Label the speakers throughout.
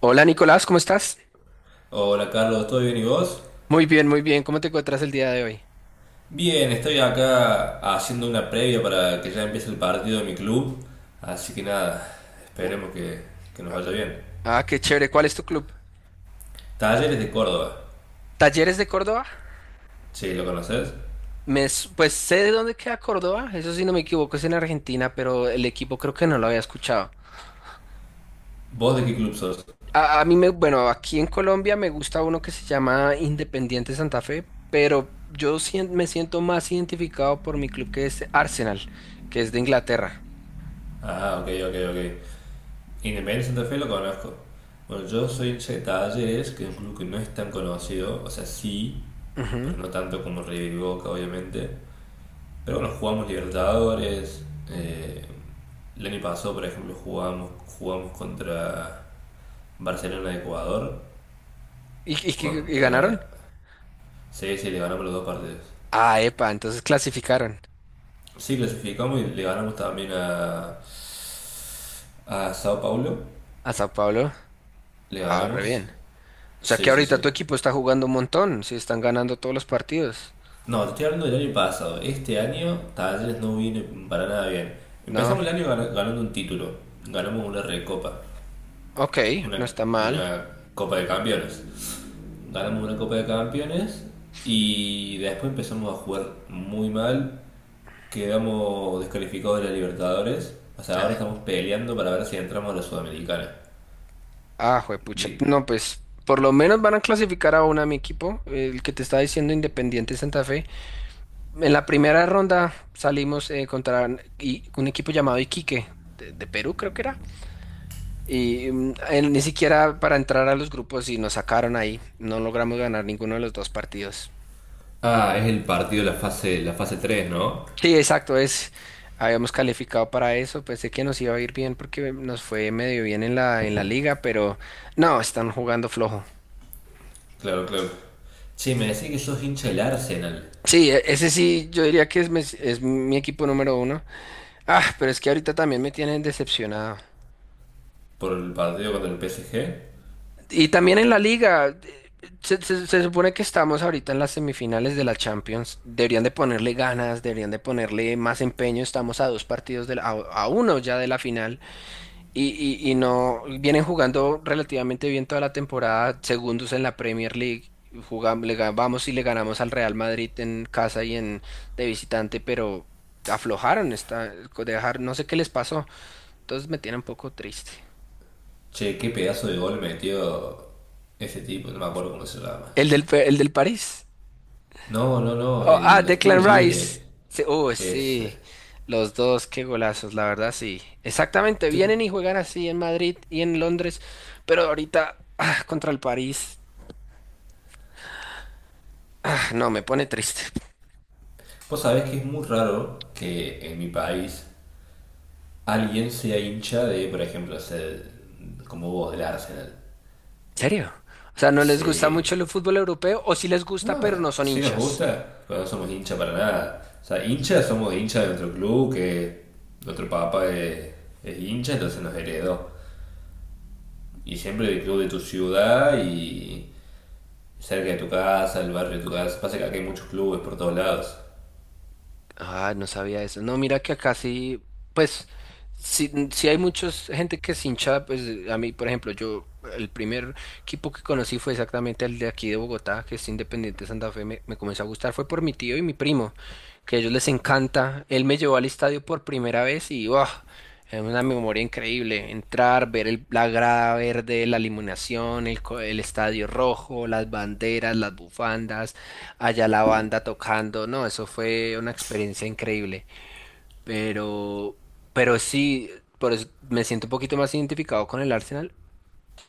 Speaker 1: Hola Nicolás, ¿cómo estás?
Speaker 2: Hola Carlos, ¿todo bien y vos?
Speaker 1: Muy bien, muy bien. ¿Cómo te encuentras el día de hoy?
Speaker 2: Bien, estoy acá haciendo una previa para que ya empiece el partido de mi club, así que nada,
Speaker 1: Oh.
Speaker 2: esperemos que nos vaya bien.
Speaker 1: Ah, qué chévere. ¿Cuál es tu club?
Speaker 2: Talleres de Córdoba,
Speaker 1: ¿Talleres de Córdoba?
Speaker 2: sí, ¿lo conoces?
Speaker 1: Pues sé de dónde queda Córdoba, eso sí no me equivoco, es en Argentina, pero el equipo creo que no lo había escuchado.
Speaker 2: ¿Vos de qué club sos?
Speaker 1: A mí bueno, aquí en Colombia me gusta uno que se llama Independiente Santa Fe, pero me siento más identificado por mi club, que es Arsenal, que es de Inglaterra.
Speaker 2: Ah, ok, ok, ok. Independiente Santa Fe lo conozco. Bueno, yo soy hincha de Talleres, que es un club que no es tan conocido, o sea, sí,
Speaker 1: Ujú.
Speaker 2: pero no tanto como River y Boca, obviamente. Pero bueno, jugamos Libertadores. eh, el año pasado, por ejemplo, jugamos contra Barcelona de Ecuador,
Speaker 1: ¿Y ganaron?
Speaker 2: contra CS, y le ganamos los dos partidos.
Speaker 1: Ah, epa, entonces clasificaron
Speaker 2: Sí, clasificamos y le ganamos también a Sao Paulo.
Speaker 1: a Sao Paulo.
Speaker 2: Le
Speaker 1: Ah, re
Speaker 2: ganamos.
Speaker 1: bien. O sea
Speaker 2: Sí,
Speaker 1: que
Speaker 2: sí,
Speaker 1: ahorita
Speaker 2: sí.
Speaker 1: tu equipo está jugando un montón, si están ganando todos los partidos.
Speaker 2: No, te estoy hablando del año pasado. Este año Talleres no viene para nada bien.
Speaker 1: No,
Speaker 2: Empezamos el año ganando un título. Ganamos una recopa.
Speaker 1: ok,
Speaker 2: Una,
Speaker 1: no está mal.
Speaker 2: una copa de campeones. Ganamos una Copa de Campeones y después empezamos a jugar muy mal, quedamos descalificados de la Libertadores, o sea,
Speaker 1: Ah,
Speaker 2: ahora estamos peleando para ver si entramos a la Sudamericana.
Speaker 1: ah, juepucha.
Speaker 2: Bien.
Speaker 1: No, pues por lo menos van a clasificar a una mi equipo, el que te estaba diciendo Independiente Santa Fe. En la primera ronda salimos contra un equipo llamado Iquique, de Perú creo que era. Y él ni siquiera para entrar a los grupos y nos sacaron ahí. No logramos ganar ninguno de los dos partidos.
Speaker 2: Ah, es el partido, de la fase tres, ¿no?
Speaker 1: Sí, exacto, habíamos calificado para eso, pensé que nos iba a ir bien porque nos fue medio bien en la liga, pero no, están jugando flojo.
Speaker 2: Claro, claro. Che, me decís que sos hincha del Arsenal
Speaker 1: Sí, ese sí, yo diría que es mi equipo número uno. Ah, pero es que ahorita también me tienen decepcionado.
Speaker 2: por el partido contra el PSG.
Speaker 1: Y también en la liga, se supone que estamos ahorita en las semifinales de la Champions. Deberían de ponerle ganas, deberían de ponerle más empeño. Estamos a dos partidos de a uno ya de la final. Y, y no vienen jugando relativamente bien toda la temporada, segundos en la Premier League. Jugamos, vamos y le ganamos al Real Madrid en casa y en de visitante, pero aflojaron esta, dejar, no sé qué les pasó. Entonces me tiene un poco triste.
Speaker 2: Che, qué pedazo de gol metió ese tipo, no me acuerdo cómo se llama.
Speaker 1: El del París.
Speaker 2: No, no, no,
Speaker 1: Oh, ah,
Speaker 2: los
Speaker 1: Declan
Speaker 2: tiros
Speaker 1: Rice.
Speaker 2: libres.
Speaker 1: Sí, oh,
Speaker 2: Es.
Speaker 1: sí. Los dos, qué golazos, la verdad, sí. Exactamente,
Speaker 2: Yo
Speaker 1: vienen y juegan así en Madrid y en Londres, pero ahorita contra el París, ah, no, me pone triste.
Speaker 2: Vos sabés que es muy raro que en mi país alguien sea hincha de, por ejemplo, como vos, del Arsenal.
Speaker 1: ¿En serio? O sea, ¿no les gusta mucho
Speaker 2: Se.
Speaker 1: el fútbol europeo o sí les gusta
Speaker 2: No,
Speaker 1: pero no son
Speaker 2: sí nos
Speaker 1: hinchas?
Speaker 2: gusta, pero no somos hincha para nada. O sea, hincha somos hincha de otro club, que otro papá es hincha, entonces nos heredó. Y siempre del club de tu ciudad y cerca de tu casa, el barrio de tu casa. Pasa que acá hay muchos clubes por todos lados.
Speaker 1: Ah, no sabía eso. No, mira que acá sí, pues, sí, sí hay muchos gente que es hincha, pues a mí, por ejemplo, yo, el primer equipo que conocí fue exactamente el de aquí de Bogotá, que es Independiente Santa Fe, me comenzó a gustar, fue por mi tío y mi primo, que a ellos les encanta. Él me llevó al estadio por primera vez y, wow, es una memoria increíble. Entrar, ver la grada verde, la iluminación, el estadio rojo, las banderas, las bufandas allá la banda tocando, no, eso fue una experiencia increíble, pero, pero sí, por eso me siento un poquito más identificado con el Arsenal.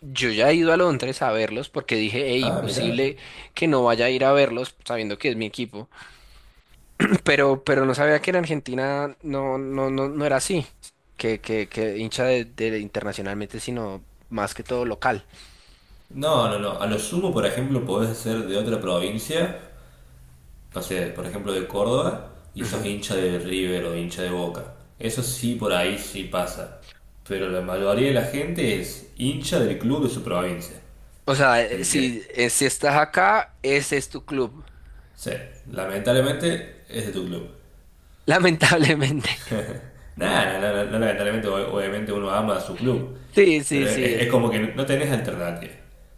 Speaker 1: Yo ya he ido a Londres a verlos porque dije, hey,
Speaker 2: Ah, mirá.
Speaker 1: imposible que no vaya a ir a verlos sabiendo que es mi equipo. Pero no sabía que en Argentina no, no, no, no era así, que hincha de internacionalmente, sino más que todo local.
Speaker 2: No, no, no. A lo sumo, por ejemplo, podés ser de otra provincia, no sé, por ejemplo, de Córdoba, y sos
Speaker 1: Ujú.
Speaker 2: hincha de River o hincha de Boca. Eso sí, por ahí sí pasa. Pero la mayoría de la gente es hincha del club de su provincia.
Speaker 1: O sea,
Speaker 2: Del que,
Speaker 1: si estás acá, ese es tu club,
Speaker 2: sí, lamentablemente es de tu club.
Speaker 1: lamentablemente.
Speaker 2: Nada, no, no, no, no, lamentablemente, obviamente uno ama a su club.
Speaker 1: Sí, sí,
Speaker 2: Pero es,
Speaker 1: sí,
Speaker 2: es
Speaker 1: sí.
Speaker 2: como que no tenés alternativa.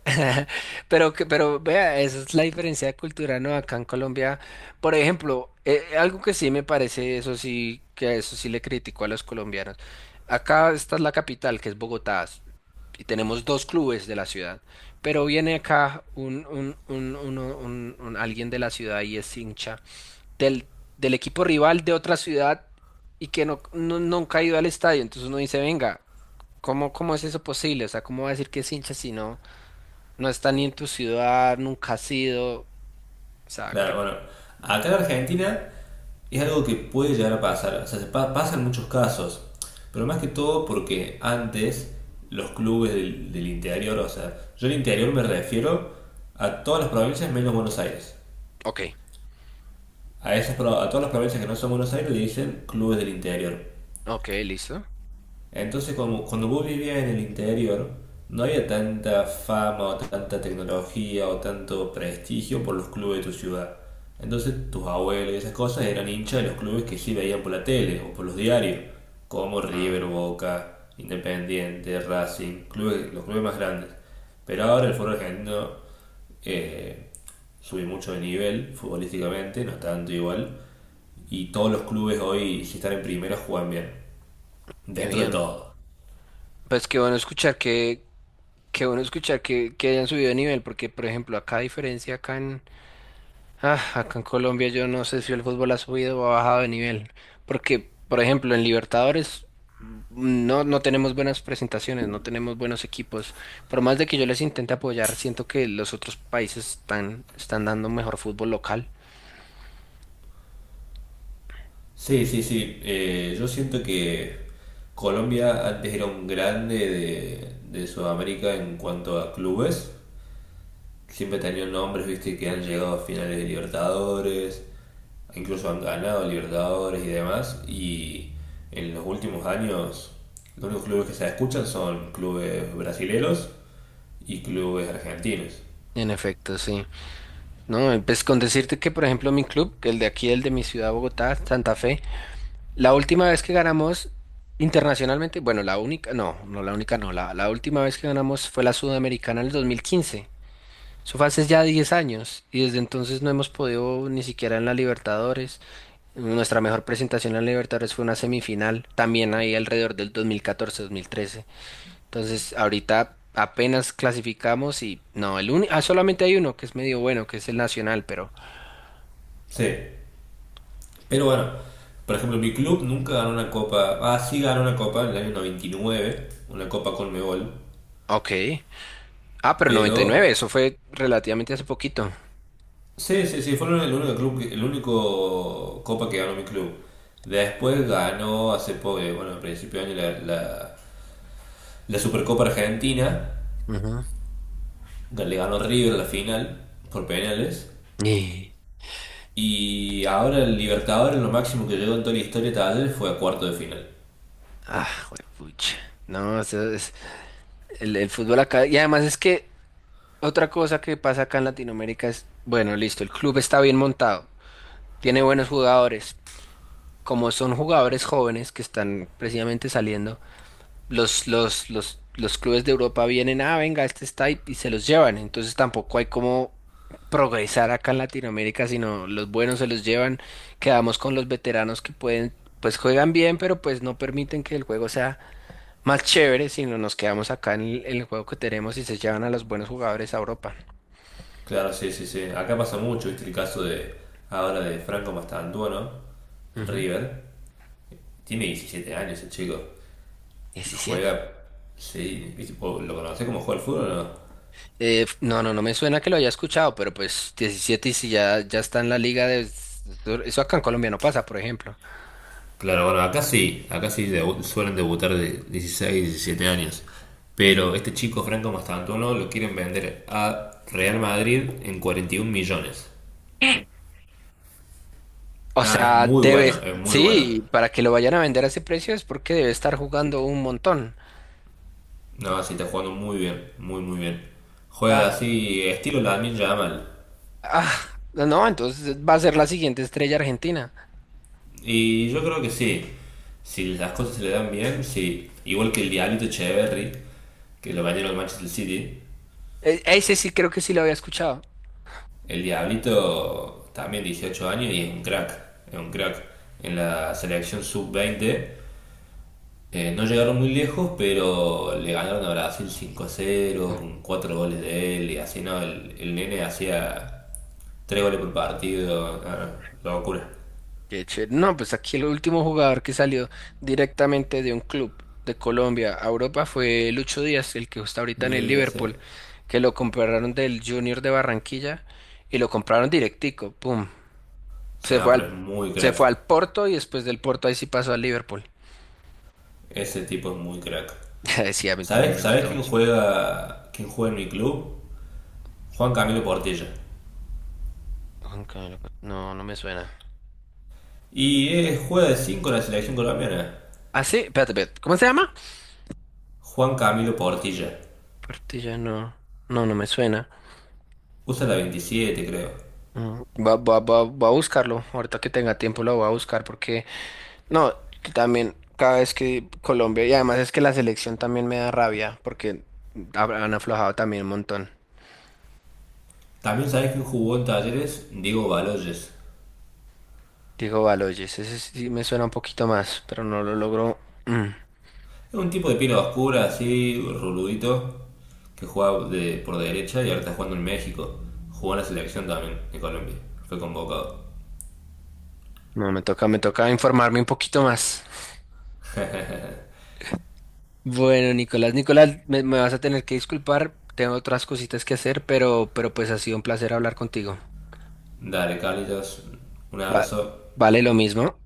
Speaker 1: Pero vea, esa es la diferencia cultural, ¿no? Acá en Colombia, por ejemplo, algo que sí me parece, eso sí, que a eso sí le critico a los colombianos. Acá está la capital, que es Bogotá, y tenemos dos clubes de la ciudad, pero viene acá un, uno- un- alguien de la ciudad y es hincha del, del equipo rival de otra ciudad y que no, no, no han caído al estadio, entonces uno dice, venga. ¿Cómo es eso posible? O sea, ¿cómo va a decir que es hincha si no, no está ni en tu ciudad, nunca ha sido? O sea,
Speaker 2: Claro,
Speaker 1: que...
Speaker 2: bueno, acá en Argentina es algo que puede llegar a pasar, o sea, se pasa muchos casos, pero más que todo porque antes los clubes del interior, o sea, yo el interior me refiero a todas las provincias menos Buenos Aires.
Speaker 1: Ok,
Speaker 2: A todas las provincias que no son Buenos Aires le dicen clubes del interior.
Speaker 1: ok, listo.
Speaker 2: Entonces, como, cuando vos vivías en el interior, no había tanta fama o tanta tecnología o tanto prestigio por los clubes de tu ciudad. Entonces, tus abuelos y esas cosas eran hinchas de los clubes que sí veían por la tele o por los diarios, como River,
Speaker 1: Ah,
Speaker 2: Boca, Independiente, Racing, clubes, los clubes más grandes. Pero ahora el fútbol argentino eh, sube mucho de nivel futbolísticamente, no tanto igual, y todos los clubes hoy, si están en primera, juegan bien,
Speaker 1: qué
Speaker 2: dentro de
Speaker 1: bien.
Speaker 2: todo.
Speaker 1: Pues qué bueno escuchar que que, hayan subido de nivel, porque por ejemplo, acá a diferencia acá en, Ah, acá en Colombia yo no sé si el fútbol ha subido o ha bajado de nivel, porque, por ejemplo, en Libertadores no, no tenemos buenas presentaciones, no tenemos buenos equipos. Por más de que yo les intente apoyar, siento que los otros países están dando mejor fútbol local.
Speaker 2: Sí, sí, sí. Yo siento que Colombia antes era un grande de Sudamérica en cuanto a clubes. Siempre tenían nombres, viste, que han llegado a finales de Libertadores, incluso han ganado Libertadores y demás. Y en los últimos años, los únicos clubes que se escuchan son clubes brasileros y clubes argentinos.
Speaker 1: En efecto, sí. No, pues con decirte que, por ejemplo, mi club, que el de aquí, el de mi ciudad, Bogotá, Santa Fe, la última vez que ganamos internacionalmente, bueno, la única, no, no la única, no, la última vez que ganamos fue la Sudamericana en el 2015. Eso fue hace ya 10 años y desde entonces no hemos podido ni siquiera en la Libertadores. Nuestra mejor presentación en la Libertadores fue una semifinal, también ahí alrededor del 2014-2013. Entonces, ahorita apenas clasificamos y no, el único, ah, solamente hay uno que es medio bueno, que es el Nacional, pero
Speaker 2: Sí, pero bueno, por ejemplo, mi club nunca ganó una copa. Ah, sí ganó una copa en el año 99, una copa Conmebol.
Speaker 1: ok. Ah, pero 99,
Speaker 2: Pero
Speaker 1: eso fue relativamente hace poquito.
Speaker 2: sí, sí, sí, fue el único club, el único copa que ganó mi club. Después ganó hace poco, bueno, a principio de año la Supercopa Argentina.
Speaker 1: Ujú.
Speaker 2: Que le ganó River la final por penales.
Speaker 1: Y-
Speaker 2: Y ahora el Libertadores, lo máximo que llegó en toda la historia de Talleres fue a cuarto de final.
Speaker 1: Ah, juepucha. No, eso es el fútbol acá. Y además es que otra cosa que pasa acá en Latinoamérica es, bueno, listo, el club está bien montado, tiene buenos jugadores. Como son jugadores jóvenes que están precisamente saliendo, los clubes de Europa vienen, ah, venga, este está y se los llevan. Entonces tampoco hay como progresar acá en Latinoamérica, sino los buenos se los llevan. Quedamos con los veteranos que pueden, pues juegan bien, pero pues no permiten que el juego sea más chévere, sino nos quedamos acá en el juego que tenemos y se llevan a los buenos jugadores a Europa.
Speaker 2: Claro, sí, sí, sí. Acá pasa mucho, viste el caso de ahora de Franco Mastantuono, en
Speaker 1: Ujú.
Speaker 2: River. Tiene 17 años el chico y
Speaker 1: Diecisiete.
Speaker 2: juega. Sí, ¿viste? ¿Vos ¿lo conocés como juega el fútbol o no?
Speaker 1: No, no, no me suena que lo haya escuchado, pero pues 17 y si ya está en la liga de... Eso acá en Colombia no pasa, por ejemplo.
Speaker 2: Claro, bueno, acá sí suelen debutar de 16, 17 años. Pero este chico Franco Mastantuono lo quieren vender a Real Madrid en 41 millones.
Speaker 1: O
Speaker 2: Nada, es
Speaker 1: sea,
Speaker 2: muy
Speaker 1: debe
Speaker 2: bueno, es muy bueno.
Speaker 1: sí, para que lo vayan a vender a ese precio es porque debe estar jugando un montón.
Speaker 2: No, sí, está jugando muy bien, muy, muy bien. Juega
Speaker 1: Ah,
Speaker 2: así, estilo Lamine Yamal.
Speaker 1: ah, no, entonces va a ser la siguiente estrella argentina.
Speaker 2: Y yo creo que sí. Si las cosas se le dan bien, sí. Igual que el Diablito Echeverry, que lo bañaron al Manchester City.
Speaker 1: Ese sí creo que sí lo había escuchado.
Speaker 2: El Diablito también 18 años y es un crack. Es un crack. En la selección sub 20 no llegaron muy lejos, pero le ganaron a Brasil 5 cero con 4 goles de él. Y así no, el nene hacía 3 goles por partido. Ah, locura.
Speaker 1: No, pues aquí el último jugador que salió directamente de un club de Colombia a Europa fue Lucho Díaz, el que está ahorita en el
Speaker 2: Luis Díaz.
Speaker 1: Liverpool, que lo compraron del Junior de Barranquilla y lo compraron directico, pum.
Speaker 2: O
Speaker 1: Se
Speaker 2: sea,
Speaker 1: fue al,
Speaker 2: pero es muy
Speaker 1: se
Speaker 2: crack.
Speaker 1: fue al Porto y después del Porto ahí sí pasó al Liverpool.
Speaker 2: Ese tipo es muy crack.
Speaker 1: Sí, a mí también
Speaker 2: ¿Sabés,
Speaker 1: me gusta
Speaker 2: ¿Sabés quién
Speaker 1: mucho.
Speaker 2: juega quién juega en mi club? Juan Camilo Portilla.
Speaker 1: No, no me suena.
Speaker 2: Y juega de 5 en la selección colombiana.
Speaker 1: Ah, sí, espérate, espérate. ¿Cómo se llama?
Speaker 2: Juan Camilo Portilla.
Speaker 1: Portilla, no. No, no me suena.
Speaker 2: Usa la 27, creo.
Speaker 1: Mm. Va a buscarlo. Ahorita que tenga tiempo lo voy a buscar porque... No, también cada vez que Colombia, y además es que la selección también me da rabia, porque han aflojado también un montón.
Speaker 2: ¿También sabés quién jugó en Talleres? Diego Baloyes.
Speaker 1: Digo, Baloyes, ese sí me suena un poquito más, pero no lo logro. Mm,
Speaker 2: Es un tipo de pila oscura, así, ruludito, que jugaba por derecha y ahora está jugando en México. Jugó en la selección también, en Colombia. Fue convocado.
Speaker 1: no, me toca, informarme un poquito más. Bueno, Nicolás, Nicolás, me vas a tener que disculpar, tengo otras cositas que hacer, pero pues ha sido un placer hablar contigo.
Speaker 2: Dale, Carlitos. Un
Speaker 1: Va-
Speaker 2: abrazo.
Speaker 1: vale lo mismo.